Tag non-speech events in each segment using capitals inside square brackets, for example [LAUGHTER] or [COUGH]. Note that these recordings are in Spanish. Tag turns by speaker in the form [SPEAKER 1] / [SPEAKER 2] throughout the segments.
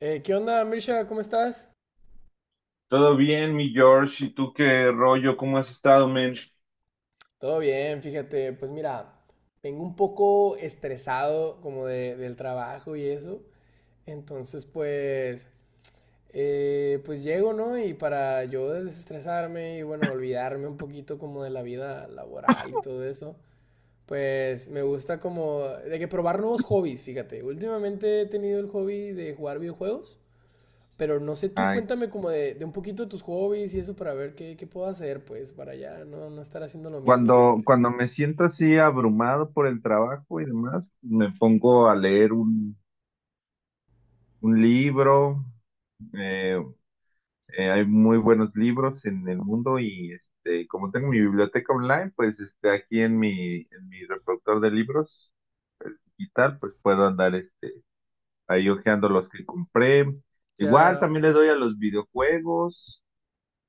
[SPEAKER 1] ¿Qué onda, Mirsha? ¿Cómo estás?
[SPEAKER 2] Todo bien, mi George. ¿Y tú qué rollo? ¿Cómo has estado, men?
[SPEAKER 1] Todo bien, fíjate, pues mira, vengo un poco estresado del trabajo y eso, entonces pues, pues llego, ¿no? Y para yo desestresarme y bueno, olvidarme un poquito como de la vida laboral y todo eso, pues me gusta como de que probar nuevos hobbies, fíjate, últimamente he tenido el hobby de jugar videojuegos. Pero no sé, tú
[SPEAKER 2] Ay,
[SPEAKER 1] cuéntame como de un poquito de tus hobbies y eso para ver qué puedo hacer, pues, para ya no estar haciendo lo mismo
[SPEAKER 2] cuando,
[SPEAKER 1] siempre.
[SPEAKER 2] cuando me siento así abrumado por el trabajo y demás, me pongo a leer un libro. eh, Hay muy buenos libros en el mundo y este, como tengo mi biblioteca online, pues este, aquí en mi reproductor de libros digital, pues puedo andar este, ahí hojeando los que compré. Igual
[SPEAKER 1] Ya.
[SPEAKER 2] también le doy a los videojuegos.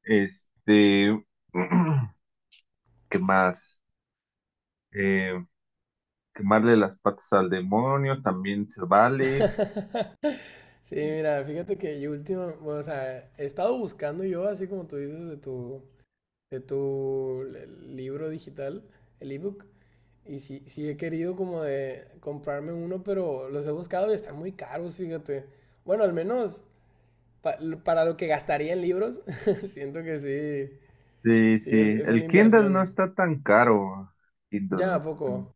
[SPEAKER 2] Este, [CLEARS THROAT] ¿qué más? Eh, Quemarle las patas al demonio también se vale.
[SPEAKER 1] [LAUGHS] Sí, mira, fíjate que yo última, bueno, o sea, he estado buscando yo, así como tú dices, libro digital, el ebook, y sí he querido como de comprarme uno, pero los he buscado y están muy caros, fíjate. Bueno, al menos pa- para lo que gastaría en libros, [LAUGHS] siento que sí,
[SPEAKER 2] Sí,
[SPEAKER 1] sí,
[SPEAKER 2] sí.
[SPEAKER 1] es una
[SPEAKER 2] El Kindle no
[SPEAKER 1] inversión.
[SPEAKER 2] está tan caro. Kindle,
[SPEAKER 1] Ya,
[SPEAKER 2] no
[SPEAKER 1] ¿a
[SPEAKER 2] está tan-
[SPEAKER 1] poco?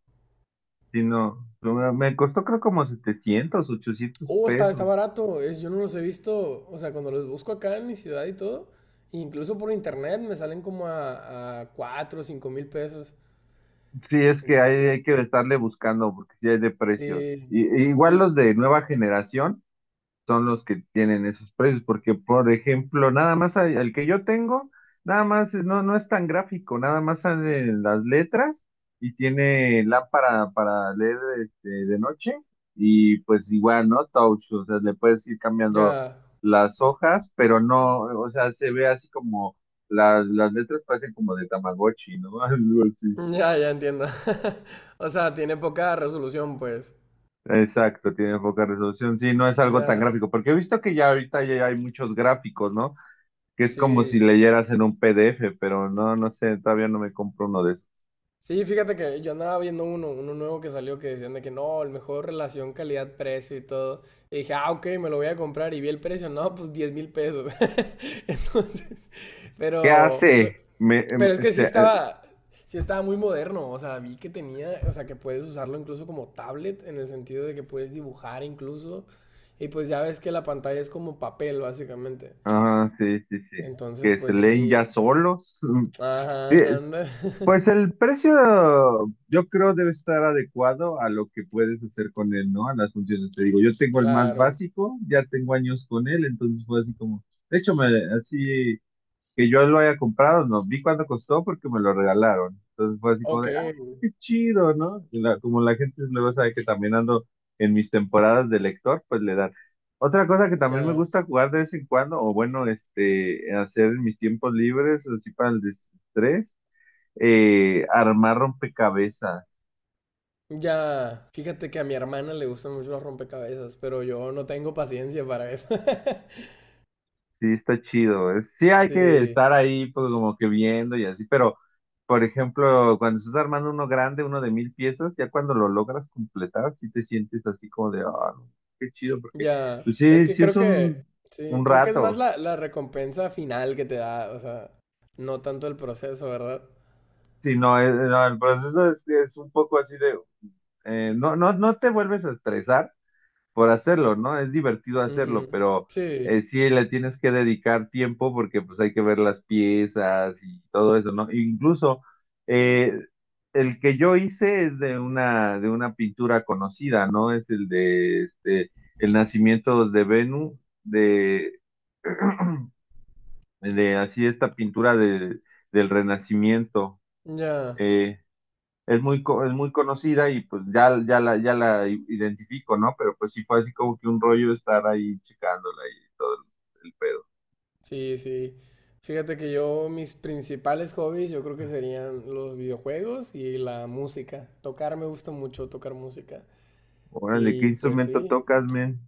[SPEAKER 2] Sí, no. Me costó creo como 700 800
[SPEAKER 1] Oh, está
[SPEAKER 2] pesos.
[SPEAKER 1] barato. Es, yo no los he visto, o sea, cuando los busco acá en mi ciudad y todo, incluso por internet me salen como a 4 o 5 mil pesos.
[SPEAKER 2] Sí, es que hay,
[SPEAKER 1] Entonces,
[SPEAKER 2] hay que estarle buscando porque sí hay de precios.
[SPEAKER 1] sí.
[SPEAKER 2] E igual
[SPEAKER 1] Y
[SPEAKER 2] los de nueva generación. Son los que tienen esos precios, porque por ejemplo, nada más hay- el que yo tengo, nada más no, no es tan gráfico, nada más salen las letras y tiene lámpara para leer este, de noche y pues igual, ¿no? Touch, o sea, le puedes ir cambiando
[SPEAKER 1] ya,
[SPEAKER 2] las hojas, pero no, o sea, se ve así como las letras parecen como de Tamagotchi, ¿no? [LAUGHS] Algo así.
[SPEAKER 1] [LAUGHS] ya, ya entiendo. [LAUGHS] O sea, tiene poca resolución, pues.
[SPEAKER 2] Exacto, tiene poca resolución. Sí, no es algo tan
[SPEAKER 1] Ya,
[SPEAKER 2] gráfico, porque he visto que ya ahorita ya hay muchos gráficos, ¿no? Que es como si
[SPEAKER 1] sí.
[SPEAKER 2] leyeras en un PDF, pero no, no sé, todavía no me compro uno de esos.
[SPEAKER 1] Sí, fíjate que yo andaba viendo uno nuevo que salió que decían de que no, el mejor relación calidad-precio y todo. Y dije, ah, ok, me lo voy a comprar. Y vi el precio, no, pues 10 mil pesos. [LAUGHS] Entonces,
[SPEAKER 2] ¿Qué
[SPEAKER 1] pero, pe-
[SPEAKER 2] hace?
[SPEAKER 1] pero es que sí estaba muy moderno. O sea, vi que tenía, o sea, que puedes usarlo incluso como tablet, en el sentido de que puedes dibujar incluso. Y pues ya ves que la pantalla es como papel, básicamente.
[SPEAKER 2] Ah, sí, sí, sí,
[SPEAKER 1] Entonces,
[SPEAKER 2] que se
[SPEAKER 1] pues
[SPEAKER 2] leen
[SPEAKER 1] sí,
[SPEAKER 2] ya solos. Mm, sí,
[SPEAKER 1] ajá, anda, [LAUGHS]
[SPEAKER 2] pues el precio yo creo debe estar adecuado a lo que puedes hacer con él, ¿no? A las funciones. Te digo, yo tengo el más
[SPEAKER 1] claro.
[SPEAKER 2] básico, ya tengo años con él, entonces fue así como, de hecho, así que yo lo haya comprado, no vi cuánto costó porque me lo regalaron. Entonces fue así como
[SPEAKER 1] Ok,
[SPEAKER 2] de, ah, qué chido, ¿no? Como la gente luego sabe que también ando en mis temporadas de lector, pues le dan. Otra cosa que también me
[SPEAKER 1] ya.
[SPEAKER 2] gusta jugar de vez en cuando, o bueno, este, hacer en mis tiempos libres, así para el desestrés, armar rompecabezas.
[SPEAKER 1] Ya, fíjate que a mi hermana le gustan mucho los rompecabezas, pero yo no tengo paciencia para eso. [LAUGHS]
[SPEAKER 2] Sí, está chido. Sí hay que
[SPEAKER 1] Sí,
[SPEAKER 2] estar ahí, pues como que viendo y así, pero por ejemplo, cuando estás armando uno grande, uno de 1,000 piezas, ya cuando lo logras completar, sí te sientes así como de, ah, no, qué chido, porque
[SPEAKER 1] ya.
[SPEAKER 2] pues
[SPEAKER 1] Es
[SPEAKER 2] sí,
[SPEAKER 1] que
[SPEAKER 2] sí es un,
[SPEAKER 1] sí,
[SPEAKER 2] un
[SPEAKER 1] creo que es más
[SPEAKER 2] rato.
[SPEAKER 1] la recompensa final que te da, o sea, no tanto el proceso, ¿verdad?
[SPEAKER 2] Sí, no, no, el proceso es un poco así de, no, no, no te vuelves a estresar por hacerlo, ¿no? Es divertido hacerlo,
[SPEAKER 1] Ujú.
[SPEAKER 2] pero
[SPEAKER 1] Sí,
[SPEAKER 2] sí le tienes que dedicar tiempo porque pues hay que ver las piezas y todo eso, ¿no? Incluso eh, el que yo hice es de una pintura conocida, ¿no? Es el de este, El nacimiento de Venus, de, [CLEARS THROAT] de así esta pintura del Renacimiento.
[SPEAKER 1] ya,
[SPEAKER 2] eh, es muy conocida y pues ya la identifico, ¿no? Pero pues sí fue así como que un rollo estar ahí checándola y todo el pedo.
[SPEAKER 1] sí, sí. Fíjate que yo, mis principales hobbies, yo creo que serían los videojuegos y la música. Tocar me gusta mucho, tocar música.
[SPEAKER 2] Órale, ¿qué
[SPEAKER 1] Y pues
[SPEAKER 2] instrumento
[SPEAKER 1] sí.
[SPEAKER 2] tocas, men?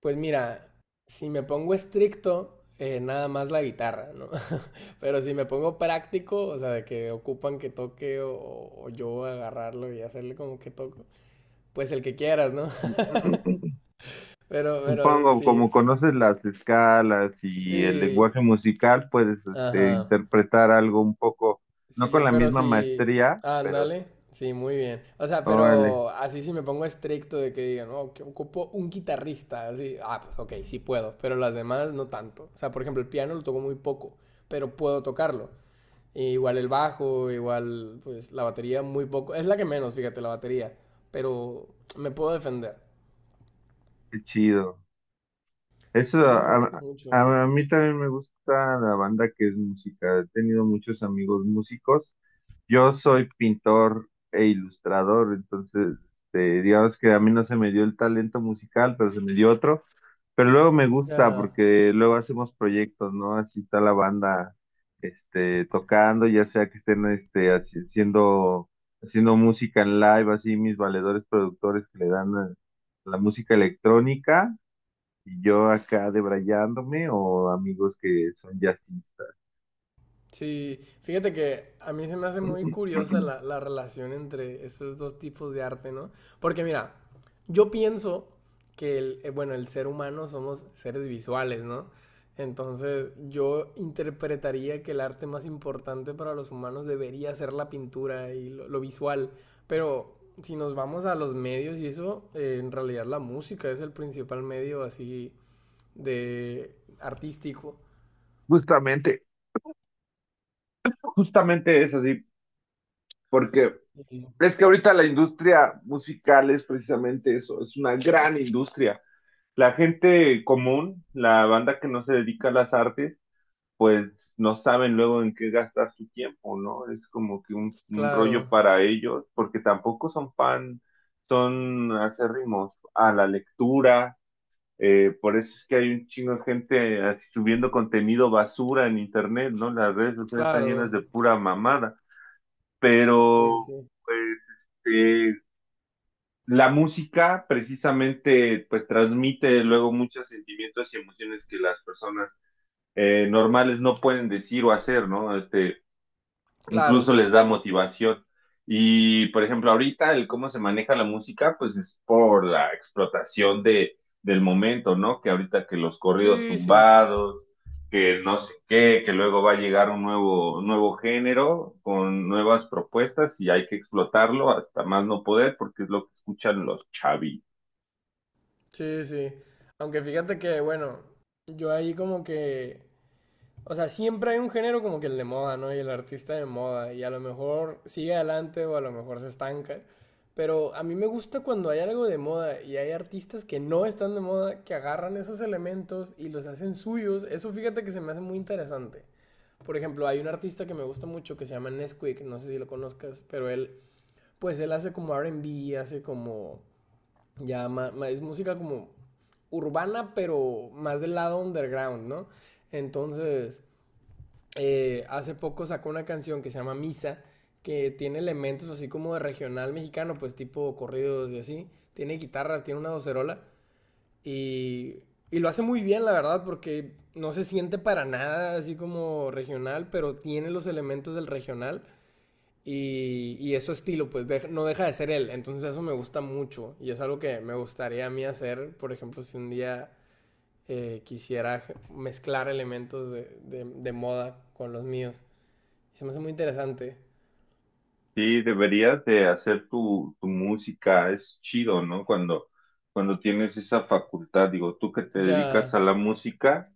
[SPEAKER 1] Pues mira, si me pongo estricto, nada más la guitarra, ¿no? [LAUGHS] Pero si me pongo práctico, o sea, de que ocupan que toque o yo agarrarlo y hacerle como que toco, pues el que quieras, ¿no? [LAUGHS]
[SPEAKER 2] [CLEARS THROAT]
[SPEAKER 1] Pero
[SPEAKER 2] Supongo,
[SPEAKER 1] sí,
[SPEAKER 2] como conoces las escalas y el
[SPEAKER 1] sí,
[SPEAKER 2] lenguaje musical, puedes este,
[SPEAKER 1] ajá,
[SPEAKER 2] interpretar algo un poco, no
[SPEAKER 1] sí,
[SPEAKER 2] con la
[SPEAKER 1] pero
[SPEAKER 2] misma
[SPEAKER 1] sí,
[SPEAKER 2] maestría, pero
[SPEAKER 1] ándale, sí, muy bien. O sea,
[SPEAKER 2] órale,
[SPEAKER 1] pero así si me pongo estricto de que digan, no, que ocupo un guitarrista, así, ah, pues ok, sí puedo, pero las demás no tanto. O sea, por ejemplo, el piano lo toco muy poco, pero puedo tocarlo. E igual el bajo, igual pues la batería muy poco. Es la que menos, fíjate, la batería. Pero me puedo defender.
[SPEAKER 2] qué chido. Eso,
[SPEAKER 1] Sí, me gusta
[SPEAKER 2] a,
[SPEAKER 1] mucho.
[SPEAKER 2] a- a mí también me gusta la banda que es música. He tenido muchos amigos músicos. Yo soy pintor e ilustrador, entonces, este, digamos que a mí no se me dio el talento musical, pero se me dio otro. Pero luego me gusta
[SPEAKER 1] Ya,
[SPEAKER 2] porque luego hacemos proyectos, ¿no? Así está la banda, este, tocando, ya sea que estén, este, haciendo música en live, así mis valedores productores que le dan la música electrónica, y yo acá debrayándome o amigos que son jazzistas.
[SPEAKER 1] sí, fíjate que a mí se me hace muy curiosa
[SPEAKER 2] [CLEARS THROAT]
[SPEAKER 1] la
[SPEAKER 2] [LAUGHS]
[SPEAKER 1] relación entre esos dos tipos de arte, ¿no? Porque mira, yo pienso que bueno, el ser humano somos seres visuales, ¿no? Entonces yo interpretaría que el arte más importante para los humanos debería ser la pintura y lo visual, pero si nos vamos a los medios y eso, en realidad la música es el principal medio así de artístico.
[SPEAKER 2] Justamente, justamente es así, porque
[SPEAKER 1] Y-
[SPEAKER 2] es que ahorita la industria musical es precisamente eso, es una gran industria. La gente común, la banda que no se dedica a las artes, pues no saben luego en qué gastar su tiempo, ¿no? Es como que un
[SPEAKER 1] Claro,
[SPEAKER 2] rollo para ellos, porque tampoco son fan, son acérrimos a la lectura. Por eso es que hay un chingo de gente así subiendo contenido basura en internet, ¿no? Las redes sociales están llenas de
[SPEAKER 1] claro.
[SPEAKER 2] pura mamada,
[SPEAKER 1] Sí,
[SPEAKER 2] pero
[SPEAKER 1] sí.
[SPEAKER 2] pues este, la música precisamente pues transmite luego muchos sentimientos y emociones que las personas normales no pueden decir o hacer, ¿no? Este,
[SPEAKER 1] Claro.
[SPEAKER 2] incluso les da motivación. Y, por ejemplo, ahorita el cómo se maneja la música pues es por la explotación del momento, ¿no? Que ahorita que los corridos
[SPEAKER 1] Sí, sí.
[SPEAKER 2] tumbados, que no sé qué, que luego va a llegar un nuevo, nuevo género con nuevas propuestas y hay que explotarlo hasta más no poder porque es lo que escuchan los chavis.
[SPEAKER 1] Sí, sí. Aunque fíjate que, bueno, yo ahí como que, o sea, siempre hay un género como que el de moda, ¿no? Y el artista de moda, y a lo mejor sigue adelante o a lo mejor se estanca. Pero a mí me gusta cuando hay algo de moda y hay artistas que no están de moda, que agarran esos elementos y los hacen suyos. Eso fíjate que se me hace muy interesante. Por ejemplo, hay un artista que me gusta mucho que se llama Nesquik, no sé si lo conozcas, pero él, pues él hace como R&B, hace como es música como urbana, pero más del lado underground, ¿no? Entonces, hace poco sacó una canción que se llama Misa, que tiene elementos así como de regional mexicano, pues tipo corridos y así. Tiene guitarras, tiene una docerola y, y lo hace muy bien, la verdad, porque no se siente para nada así como regional, pero tiene los elementos del regional y eso estilo, no deja de ser él. Entonces eso me gusta mucho y es algo que me gustaría a mí hacer. Por ejemplo, si un día quisiera mezclar elementos de moda con los míos. Se me hace muy interesante.
[SPEAKER 2] Sí, deberías de hacer tu música, es chido, ¿no? Cuando tienes esa facultad, digo, tú que te dedicas
[SPEAKER 1] Ya,
[SPEAKER 2] a la música.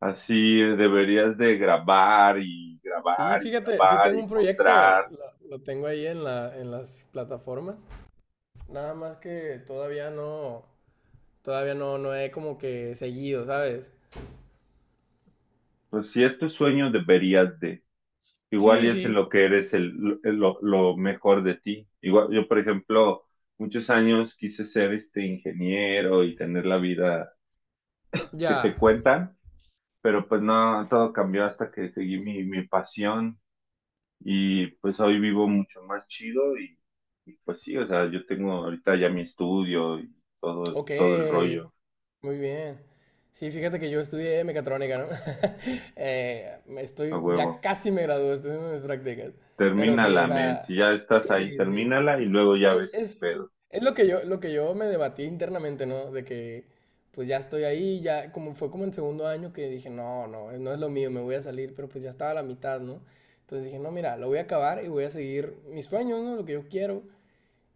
[SPEAKER 2] Así deberías de grabar y
[SPEAKER 1] sí,
[SPEAKER 2] grabar y
[SPEAKER 1] fíjate, si
[SPEAKER 2] grabar
[SPEAKER 1] tengo
[SPEAKER 2] y
[SPEAKER 1] un proyecto,
[SPEAKER 2] mostrar.
[SPEAKER 1] lo tengo ahí en en las plataformas. Nada más que todavía no, no he como que seguido, ¿sabes?
[SPEAKER 2] Pues si es tu sueño, deberías de. Igual
[SPEAKER 1] Sí,
[SPEAKER 2] y es
[SPEAKER 1] sí,
[SPEAKER 2] en lo que eres lo mejor de ti. Igual, yo, por ejemplo, muchos años quise ser este ingeniero y tener la vida que
[SPEAKER 1] ya.
[SPEAKER 2] te cuentan, pero pues no, todo cambió hasta que seguí mi pasión y pues hoy vivo mucho más chido y pues sí, o sea, yo tengo ahorita ya mi estudio y todo,
[SPEAKER 1] Ok,
[SPEAKER 2] todo el rollo.
[SPEAKER 1] muy bien. Sí, fíjate que yo estudié mecatrónica, ¿no? [LAUGHS]
[SPEAKER 2] A
[SPEAKER 1] Ya
[SPEAKER 2] huevo.
[SPEAKER 1] casi me gradué, estoy haciendo mis prácticas. Pero sí, o
[SPEAKER 2] Termínala, men.
[SPEAKER 1] sea,
[SPEAKER 2] Si ya estás ahí,
[SPEAKER 1] sí, sí.
[SPEAKER 2] termínala y luego ya
[SPEAKER 1] E-
[SPEAKER 2] ves qué
[SPEAKER 1] Es,
[SPEAKER 2] pedo.
[SPEAKER 1] es lo que yo me debatí internamente, ¿no? Pues ya estoy ahí, ya, como fue como en segundo año que dije, no es lo mío, me voy a salir, pero pues ya estaba a la mitad, ¿no? Entonces dije, no, mira, lo voy a acabar y voy a seguir mis sueños, ¿no? Lo que yo quiero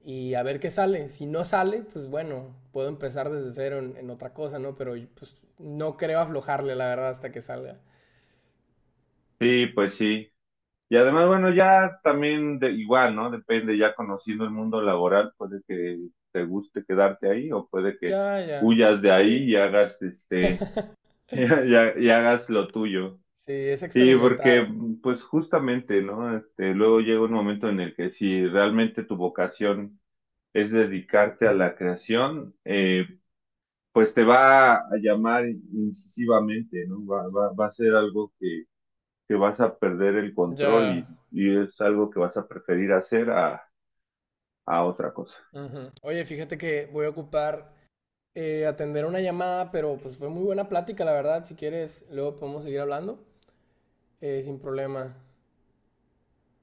[SPEAKER 1] y a ver qué sale. Si no sale, pues bueno, puedo empezar desde cero en otra cosa, ¿no? Pero pues no creo aflojarle, la verdad, hasta que salga.
[SPEAKER 2] Sí, pues sí. Y además, bueno, ya también de, igual, ¿no? Depende, ya conociendo el mundo laboral, puede que te guste quedarte ahí o puede que
[SPEAKER 1] Ya, ya.
[SPEAKER 2] huyas de
[SPEAKER 1] Sí.
[SPEAKER 2] ahí y hagas
[SPEAKER 1] [LAUGHS]
[SPEAKER 2] este, [LAUGHS] y, y hagas lo tuyo.
[SPEAKER 1] Sí, es
[SPEAKER 2] Sí, porque
[SPEAKER 1] experimentar.
[SPEAKER 2] pues justamente, ¿no? Este, luego llega un momento en el que si realmente tu vocación es dedicarte a la creación, pues te va a llamar incisivamente, ¿no? Va a ser algo que vas a perder el control, y,
[SPEAKER 1] Ya.
[SPEAKER 2] y es algo que vas a preferir hacer a otra cosa.
[SPEAKER 1] Ujú. Oye, fíjate que voy a ocupar atender una llamada, pero pues fue muy buena plática, la verdad. Si quieres, luego podemos seguir hablando, sin problema.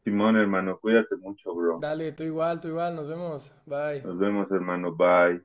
[SPEAKER 2] Simón, hermano, cuídate mucho, bro.
[SPEAKER 1] Dale, tú igual, nos vemos. Bye.
[SPEAKER 2] Nos vemos, hermano. Bye.